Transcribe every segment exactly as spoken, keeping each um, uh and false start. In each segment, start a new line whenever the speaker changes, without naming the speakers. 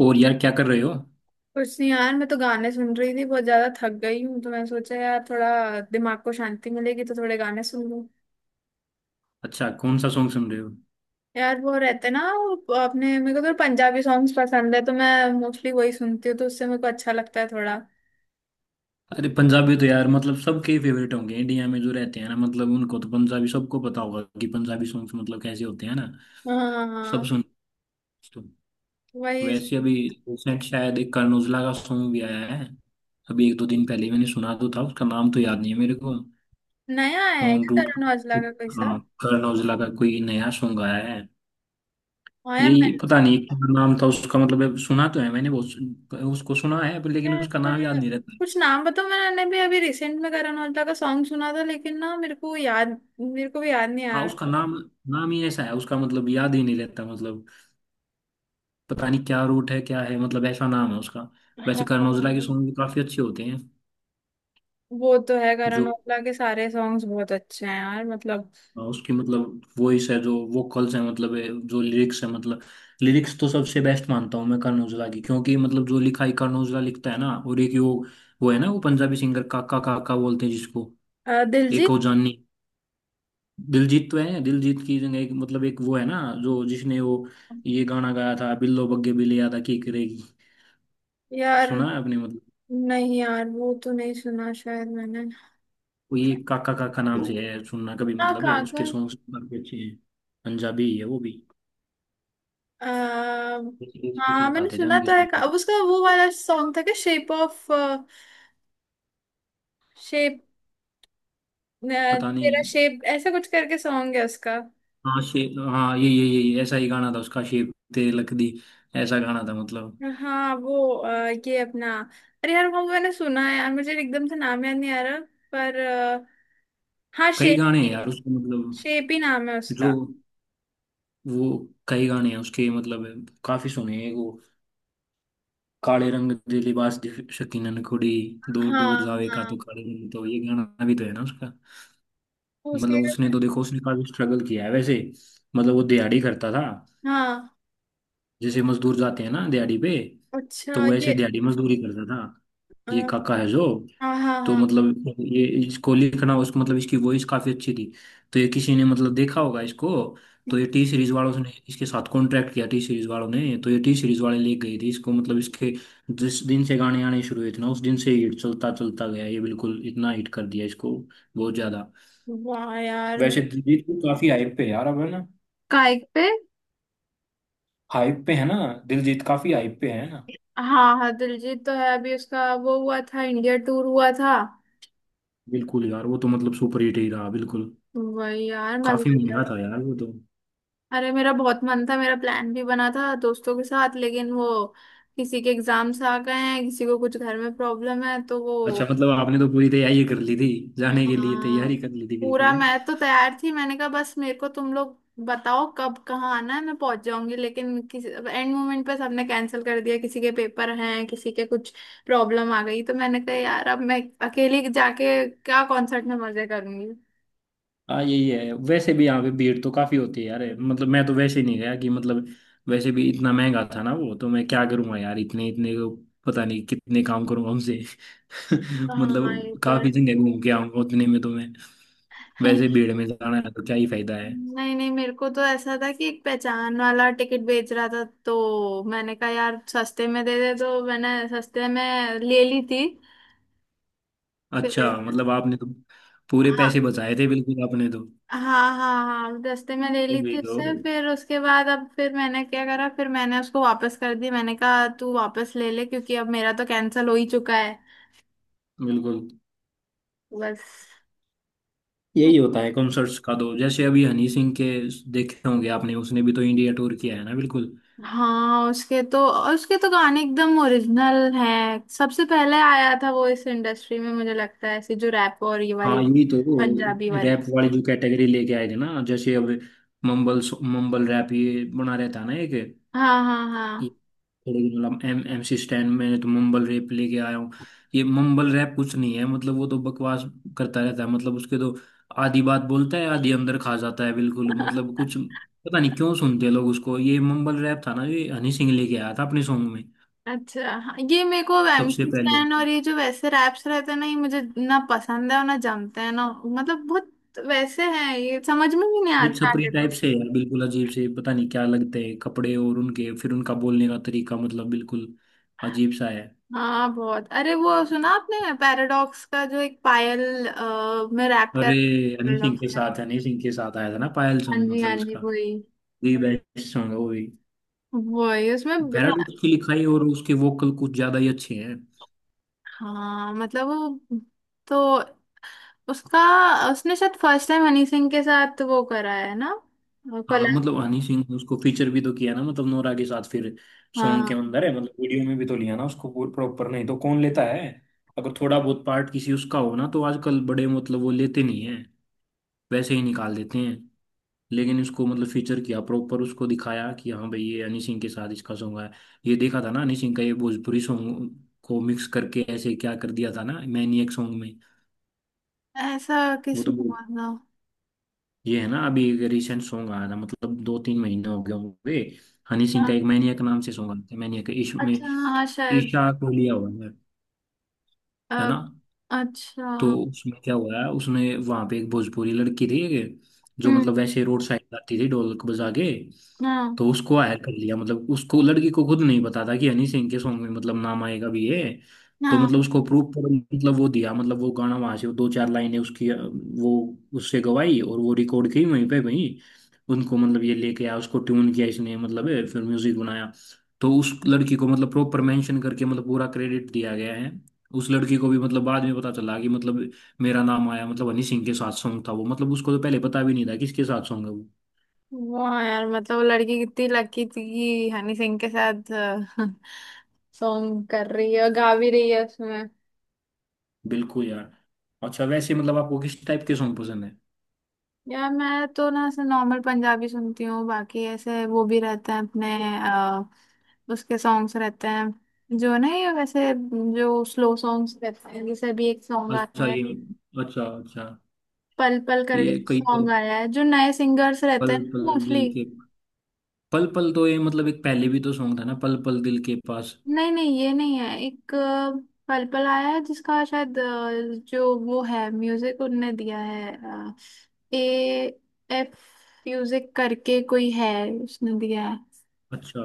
और यार क्या कर रहे हो?
कुछ नहीं यार, मैं तो गाने सुन रही थी। बहुत ज्यादा थक गई हूँ तो मैं सोचा यार थोड़ा दिमाग को शांति मिलेगी तो थोड़े गाने सुन लूँ।
अच्छा कौन सा सॉन्ग सुन रहे हो?
यार वो रहते ना, वो अपने, मेरे को तो पंजाबी सॉन्ग्स पसंद है तो मैं मोस्टली वही सुनती हूँ, तो उससे मेरे को अच्छा लगता है थोड़ा।
अरे पंजाबी तो यार मतलब सबके फेवरेट होंगे इंडिया में जो रहते हैं ना, मतलब उनको तो पंजाबी सबको पता होगा कि पंजाबी सॉन्ग्स मतलब कैसे होते हैं ना।
हाँ, हाँ, हाँ।
सब
हाँ।
सुन। तो
वही।
वैसे अभी रिसेंट शायद एक करण औजला का सॉन्ग भी आया है। अभी एक दो दिन पहले ही मैंने सुना तो था, उसका नाम तो याद नहीं है मेरे को।
नया है
ऑन
क्या
रूट।
करण औजला का कोई सा?
हाँ। करण औजला का कोई नया सॉन्ग आया है।
हाँ यार,
यही
मैंने।
पता नहीं क्या नाम था उसका, मतलब सुना तो है मैंने, बहुत उसको सुना है पर लेकिन उसका नाम याद
मैंने-
नहीं रहता।
कुछ नाम बताओ, मैंने भी अभी रिसेंट में करण औजला का सॉन्ग सुना था लेकिन ना मेरे को याद। मेरे को भी याद नहीं
हाँ,
आ रहा।
उसका नाम। नाम ही ऐसा है उसका मतलब याद ही नहीं लेता मतलब। पता नहीं क्या रूट है क्या है, मतलब ऐसा नाम है उसका।
हाँ,
वैसे करण औजला के सॉन्ग भी काफी अच्छे होते हैं।
वो तो है।
जो
करण औजला के सारे सॉन्ग्स बहुत अच्छे हैं यार मतलब।
हाँ, उसकी मतलब वॉइस है, जो वोकल्स है मतलब है, जो लिरिक्स है मतलब। लिरिक्स तो सबसे बेस्ट मानता हूँ मैं करण औजला की, क्योंकि मतलब जो लिखाई करण औजला लिखता है ना, और एक वो। वो है ना वो पंजाबी सिंगर, काका काका बोलते हैं जिसको।
अ,
एक
दिलजीत।
वो जानी। दिलजीत तो है, दिलजीत की जगह एक मतलब एक वो है ना, जो जिसने वो ये गाना गाया था, बिल्लो बग्गे बिल्ली यादा की करेगी।
यार
सुना है आपने मतलब?
नहीं यार, वो तो नहीं सुना शायद मैंने।
कोई एक काका काका नाम से है, सुनना कभी,
हाँ
मतलब है उसके
काकर।
सॉन्ग्स काफी अच्छे हैं। पंजाबी है वो भी।
अ,
किसी के
हाँ
साथ
मैंने
आते थे
सुना
उनके
तो है का,
सॉन्ग।
अब उसका वो वाला सॉन्ग था क्या, शेप ऑफ। शेप।
पता
तेरा
नहीं।
शेप ऐसा कुछ करके सॉन्ग है उसका।
हाँ शे हाँ, ये ये ये ये, ऐसा ही गाना था उसका, शेप तेरे लकदी। ऐसा गाना था मतलब।
हाँ वो अ, ये अपना, अरे यार वो मैंने सुना है यार, मुझे एकदम से नाम याद नहीं आ रहा। पर अ, हाँ
कई
शेप।
गाने हैं यार उसके मतलब।
शेप ही नाम है
जो
उसका।
वो कई गाने हैं उसके मतलब, काफी सुने हैं वो। काले रंग दे लिबास दी शकीनन कुड़ी। दूर दूर
हाँ
जावे का
हाँ।
तो काले रंग, तो ये गाना भी तो है ना उसका?
तो उसके।
मतलब उसने तो देखो, उसने काफी स्ट्रगल किया है वैसे। मतलब वो दिहाड़ी करता था।
हाँ।
जैसे मजदूर जाते हैं ना दिहाड़ी पे। तो
अच्छा
वो ऐसे
ये
दिहाड़ी मजदूरी करता था।
अ,
ये काका है जो।
हाँ, हाँ,
तो
हाँ।
मतलब ये इसको लिखना उस मतलब इसकी वॉइस काफी अच्छी थी। तो ये किसी ने मतलब देखा होगा इसको। तो ये टी सीरीज वालों ने इसके साथ कॉन्ट्रैक्ट किया, टी सीरीज वालों ने, तो ये टी सीरीज वाले ले गए थे इसको मतलब इसके। जिस दिन से गाने आने शुरू हुए थे ना, उस दिन से हिट चलता चलता गया ये, बिल्कुल इतना हिट कर दिया इसको। बहुत ज्यादा।
वाह यार म-
वैसे दिलजीत भी काफी हाइप पे है यार अब, है ना।
काइक पे?
हाइप पे है ना। दिलजीत काफी हाइप पे है ना।
हाँ हाँ, दिलजीत तो है। अभी उसका वो हुआ था, इंडिया टूर हुआ था।
बिल्कुल यार, वो तो मतलब सुपर हिट ही रहा बिल्कुल।
वही यार,
काफी महंगा
मजेदार।
था यार वो तो।
अरे मेरा बहुत मन था, मेरा प्लान भी बना था दोस्तों के साथ, लेकिन वो किसी के एग्जाम्स आ गए हैं, किसी को कुछ घर में प्रॉब्लम है तो वो।
अच्छा मतलब आपने तो पूरी तैयारी कर ली थी। जाने के लिए
हाँ।
तैयारी कर ली थी
पूरा
बिल्कुल, है।
मैं तो तैयार थी। मैंने कहा बस मेरे को तुम लोग बताओ कब कहाँ आना है, मैं पहुंच जाऊंगी। लेकिन किसी एंड मोमेंट पे सबने कैंसिल कर दिया। किसी के पेपर हैं, किसी के कुछ प्रॉब्लम आ गई। तो मैंने कहा यार अब मैं अकेली जाके क्या कॉन्सर्ट में मजे करूंगी।
हाँ यही है, वैसे भी यहाँ पे भीड़ तो काफी होती है यार, मतलब मैं तो वैसे ही नहीं गया कि मतलब। वैसे भी इतना महंगा था ना वो तो, मैं क्या करूंगा यार इतने, इतने को। पता नहीं कितने काम करूंगा उनसे।
हाँ, ये
मतलब
तो है।
काफी जगह घूम के आऊंगा उतने में तो मैं। वैसे भीड़ में जाना है तो क्या ही फायदा है।
नहीं नहीं, मेरे को तो ऐसा था कि एक पहचान वाला टिकट बेच रहा था, तो मैंने कहा यार सस्ते में दे दे, तो मैंने सस्ते में ले ली थी।
अच्छा
फिर।
मतलब आपने तो पूरे पैसे
हाँ।
बचाए थे बिल्कुल आपने तो।
हाँ। हाँ हाँ, दस्ते में ले ली
अभी
थी
तो
उससे। फिर उसके बाद अब फिर मैंने क्या करा, फिर मैंने उसको वापस कर दी। मैंने कहा तू वापस ले ले क्योंकि अब मेरा तो कैंसिल हो ही चुका है।
बिल्कुल
बस।
यही होता है कॉन्सर्ट्स का, तो जैसे अभी हनी सिंह के। देखे होंगे आपने, उसने भी तो इंडिया टूर किया है ना बिल्कुल।
हाँ, उसके तो। और उसके तो गाने एकदम ओरिजिनल हैं। सबसे पहले आया था वो इस इंडस्ट्री में मुझे लगता है, ऐसी जो रैप और ये वाली
हाँ यही तो,
पंजाबी वाली।
रैप वाली जो कैटेगरी लेके आए थे ना, जैसे अब। मंबल मंबल रैप ये बना रहता है ना एक।
हाँ
ये
हाँ।
थोड़े दिन मतलब एम एम सी स्टैन में तो मम्बल रैप लेके आया हूँ। ये मम्बल रैप कुछ नहीं है मतलब, वो तो बकवास करता रहता है, मतलब उसके तो। आधी बात बोलता है आधी अंदर खा जाता है बिल्कुल,
हाँ।
मतलब कुछ पता नहीं क्यों सुनते हैं लोग उसको, ये मम्बल रैप था ना, ये हनी सिंह लेके आया था अपने सॉन्ग में।
अच्छा, हाँ, ये मेरे को
सबसे
एमसी
पहले।
स्टैन और ये जो वैसे रैप्स रहते हैं ना, ये मुझे ना पसंद है और ना जमते हैं ना। मतलब बहुत वैसे हैं ये, समझ में भी नहीं
ये
आते
छपरी
आगे तो।
टाइप से है बिल्कुल, अजीब से पता नहीं क्या लगते हैं कपड़े, और उनके फिर उनका बोलने का तरीका मतलब बिल्कुल अजीब सा है।
हाँ बहुत। अरे वो सुना आपने पैराडॉक्स का, जो एक पायल अ, में रैप कर
अरे हनी सिंह
पैराडॉक्स
के
ने।
साथ हनी सिंह के साथ आया था ना पायल
हाँ
सॉन्ग
जी,
मतलब
हाँ जी,
उसका।
वही।
दी बेस्ट सॉन्ग है वो भी।
वही उसमें ब्र-
पैराडॉक्स की लिखाई और उसके वोकल कुछ ज्यादा ही अच्छे हैं।
हाँ मतलब वो। तो। उसका। उसने शायद फर्स्ट टाइम हनी सिंह के साथ वो करा है ना,
हाँ
कोलैब।
मतलब हनी सिंह ने उसको फीचर भी तो किया ना मतलब, नोरा के साथ फिर सॉन्ग के
हाँ।
अंदर है, मतलब वीडियो में भी तो लिया ना उसको प्रॉपर, नहीं तो कौन लेता है। अगर थोड़ा बहुत पार्ट किसी उसका हो ना, तो आजकल बड़े मतलब वो लेते नहीं हैं। वैसे ही निकाल देते हैं। लेकिन इसको मतलब फीचर किया प्रॉपर, उसको दिखाया कि हाँ भाई ये हनी सिंह के साथ इसका सॉन्ग है। ये देखा था ना हनी सिंह का ये भोजपुरी सॉन्ग को मिक्स करके ऐसे क्या कर दिया था ना मैनिएक सॉन्ग में।
ऐसा
वो तो
किसमें हुआ था?
ये है ना, अभी एक रिसेंट सॉन्ग आया था, मतलब दो तीन महीने हो गए होंगे। हनी सिंह
हाँ।
का एक मैनियक नाम से सॉन्ग आया था, मैनियक ईश में।
अच्छा हाँ शायद
ईशा को लिया हुआ है। है
अ,
ना।
अच्छा।
तो उसमें क्या हुआ है, उसमें वहां पे एक भोजपुरी लड़की थी। जो
हम्म।
मतलब वैसे रोड साइड गाती थी ढोलक बजा के।
हाँ।
तो उसको हायर कर लिया, मतलब उसको लड़की को खुद नहीं पता था कि हनी सिंह के सॉन्ग में मतलब नाम आएगा भी ये। तो
हाँ।
मतलब उसको प्रूफ पर मतलब वो दिया, मतलब वो गाना वहां से दो चार लाइनें उसकी अ, वो उससे गवाई और वो रिकॉर्ड की वहीं पे, वहीं उनको मतलब ये लेके आया, उसको ट्यून किया इसने मतलब है, फिर म्यूजिक बनाया। तो उस लड़की को मतलब प्रॉपर मेंशन करके मतलब पूरा क्रेडिट दिया गया है। उस लड़की को भी मतलब बाद में पता चला कि मतलब मेरा नाम आया, मतलब हनी सिंह के साथ सॉन्ग था वो, मतलब उसको तो पहले पता भी नहीं था किसके साथ सॉन्ग है वो।
वाह यार, मतलब वो लड़की कितनी लकी थी कि हनी सिंह के साथ सॉन्ग कर रही है और गा भी रही है उसमें।
बिल्कुल यार। अच्छा वैसे मतलब आपको किस टाइप के सॉन्ग पसंद है?
यार मैं तो ना ऐसे नॉर्मल पंजाबी सुनती हूँ। बाकी ऐसे वो भी रहते हैं अपने अ, उसके सॉन्ग्स रहते हैं जो ना, ये वैसे जो स्लो सॉन्ग्स रहते हैं। जैसे अभी एक सॉन्ग आया
अच्छा
है,
ये। अच्छा अच्छा।
पल पल करके
ये कई तो,
सॉन्ग आया है, जो नए सिंगर्स रहते
पल
हैं
पल दिल
मोस्टली।
के, पल पल तो ये मतलब एक पहले भी तो सॉन्ग था ना, पल पल दिल के पास।
नहीं नहीं, ये नहीं है। एक अ, पल पल आया है जिसका शायद अ, जो वो है, म्यूजिक उनने दिया है। अ, ए, एफ म्यूजिक करके कोई है, उसने दिया है।
अच्छा,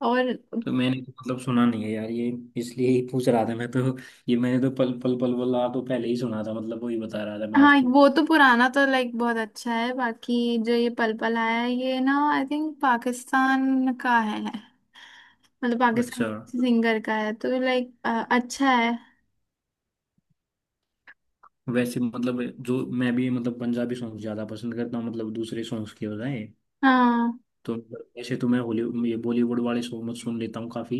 और।
तो मैंने तो मतलब सुना नहीं है यार ये, इसलिए ही पूछ रहा था मैं तो। ये मैंने तो पल पल, पल पल आ तो पहले ही सुना था, मतलब वही बता रहा था मैं
हाँ,
आपको।
वो तो पुराना तो लाइक बहुत अच्छा है। बाकी जो ये पल पल आया है ये ना आई थिंक पाकिस्तान का है। मतलब पाकिस्तान
अच्छा
सिंगर का है, तो लाइक अच्छा है।
वैसे मतलब, जो मैं भी मतलब पंजाबी सॉन्ग ज्यादा पसंद करता हूँ मतलब दूसरे सॉन्ग्स के बजाय।
हाँ।
तो मतलब वैसे तो मैं हॉली, ये बॉलीवुड वाले सॉन्ग मत सुन लेता हूँ काफी।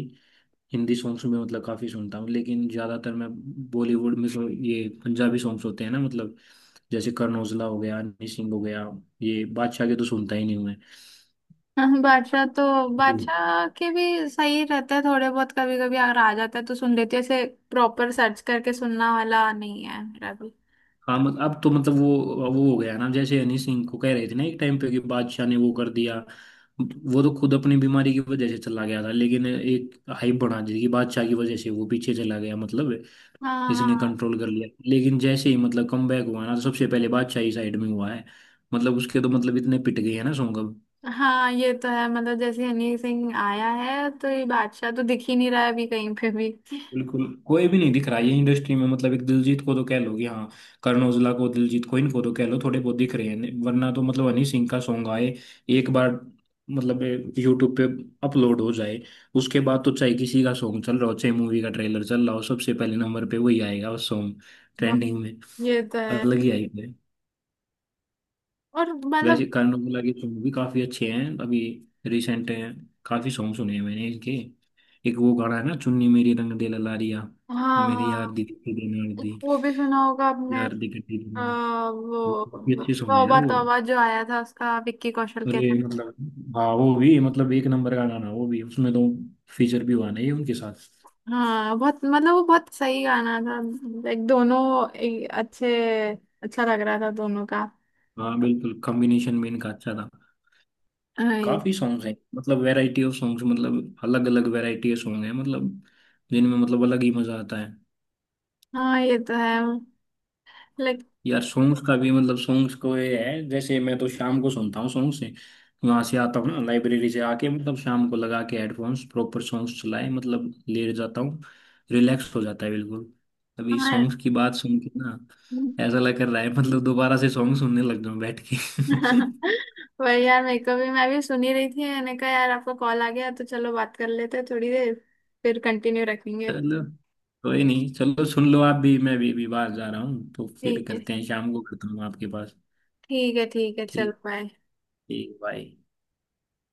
हिंदी सॉन्ग्स में मतलब काफी सुनता हूँ, लेकिन ज्यादातर मैं बॉलीवुड में जो ये पंजाबी सॉन्ग्स होते हैं ना मतलब, जैसे करण औजला हो गया, हनी सिंह हो गया। ये बादशाह के तो सुनता ही नहीं हूँ
हाँ, बादशाह तो।
मैं।
बादशाह के भी सही रहते हैं थोड़े बहुत। कभी कभी अगर आ जाता है तो सुन लेती हूँ ऐसे। प्रॉपर सर्च करके सुनना वाला नहीं है मेरा भी।
हाँ मत- अब तो मतलब वो वो हो गया ना जैसे हनी सिंह को कह रहे थे ना एक टाइम पे कि बादशाह ने वो कर दिया। वो तो खुद अपनी बीमारी की वजह से चला गया था, लेकिन एक हाइप बना दी थी कि बादशाह की वजह से वो पीछे चला गया, मतलब
हाँ।
इसने
हाँ।
कंट्रोल कर लिया। लेकिन जैसे ही मतलब कम बैक हुआ ना, तो सबसे पहले बादशाह ही साइड में हुआ है। मतलब उसके तो मतलब इतने पिट गए हैं ना सॉन्ग अब।
हाँ, ये तो है। मतलब जैसे हनी सिंह आया है तो ये बादशाह तो दिख ही नहीं रहा है अभी कहीं पे भी।
बिल्कुल, कोई भी नहीं दिख रहा है ये इंडस्ट्री में, मतलब एक दिलजीत को तो कह लो कि हाँ, करण औजला को, दिलजीत को, इनको तो कह लो थोड़े बहुत दिख रहे हैं, वरना तो मतलब हनी सिंह का सॉन्ग आए एक बार, मतलब यूट्यूब पे अपलोड हो जाए, उसके बाद तो चाहे किसी का सॉन्ग चल रहा हो, चाहे मूवी का ट्रेलर चल रहा हो, सबसे पहले नंबर पे वही आएगा वो सॉन्ग
हाँ,
ट्रेंडिंग में,
ये तो है।
अलग ही आएगा।
और
वैसे
मतलब।
करण औजला के सॉन्ग भी काफी अच्छे हैं अभी, रिसेंट हैं। काफी सॉन्ग सुने हैं मैंने इनके। एक वो गाना है ना, चुन्नी मेरी रंग दे ललारिया,
हाँ
मेरी यार
हाँ।
दी गट्टी दे नाल
एक
दी,
वो भी सुना होगा आपने।
यार दी गट्टी दे नाल।
आ,
वो
वो
काफी अच्छे सॉन्ग है यार
तौबा
वो।
तौबा जो आया था, उसका विक्की कौशल के।
अरे मतलब, हाँ वो भी मतलब एक नंबर का गाना वो भी, उसमें तो फीचर भी हुआ ना ये उनके साथ।
हाँ बहुत। मतलब वो बहुत सही गाना था। लाइक दोनों एक अच्छे, अच्छा लग रहा था दोनों का।
हाँ बिल्कुल, कॉम्बिनेशन में इनका अच्छा था।
हाँ ये।
काफी सॉन्ग्स हैं मतलब, वैरायटी ऑफ सॉन्ग्स, मतलब अलग अलग वैरायटी के सॉन्ग है मतलब, जिनमें मतलब अलग ही मजा आता है।
हाँ, ये तो है लाइक।
यार सॉन्ग्स का भी मतलब, सॉन्ग्स को ये है, जैसे मैं तो शाम को सुनता हूँ सॉन्ग से, वहां से आता हूँ ना लाइब्रेरी से आके, मतलब शाम को लगा के हेडफोन्स, प्रॉपर सॉन्ग्स चलाए, मतलब लेट जाता हूँ, रिलैक्स हो जाता है बिल्कुल। अभी
हाँ।
सॉन्ग्स की बात सुन के ना, ऐसा लग कर रहा है मतलब दोबारा से सॉन्ग सुनने लग जाऊं बैठ के।
वही यार, मेरे को भी, मैं भी सुनी रही थी। मैंने कहा यार आपका कॉल आ गया तो चलो बात कर लेते हैं थोड़ी देर, फिर कंटिन्यू रखेंगे।
चलो, कोई नहीं, चलो सुन लो आप भी, मैं भी, भी बाहर जा रहा हूँ, तो फिर
ठीक है।
करते हैं, शाम को करता हूँ आपके पास।
ठीक है, ठीक है, चलो,
ठीक।
बाय।
ठीक भाई।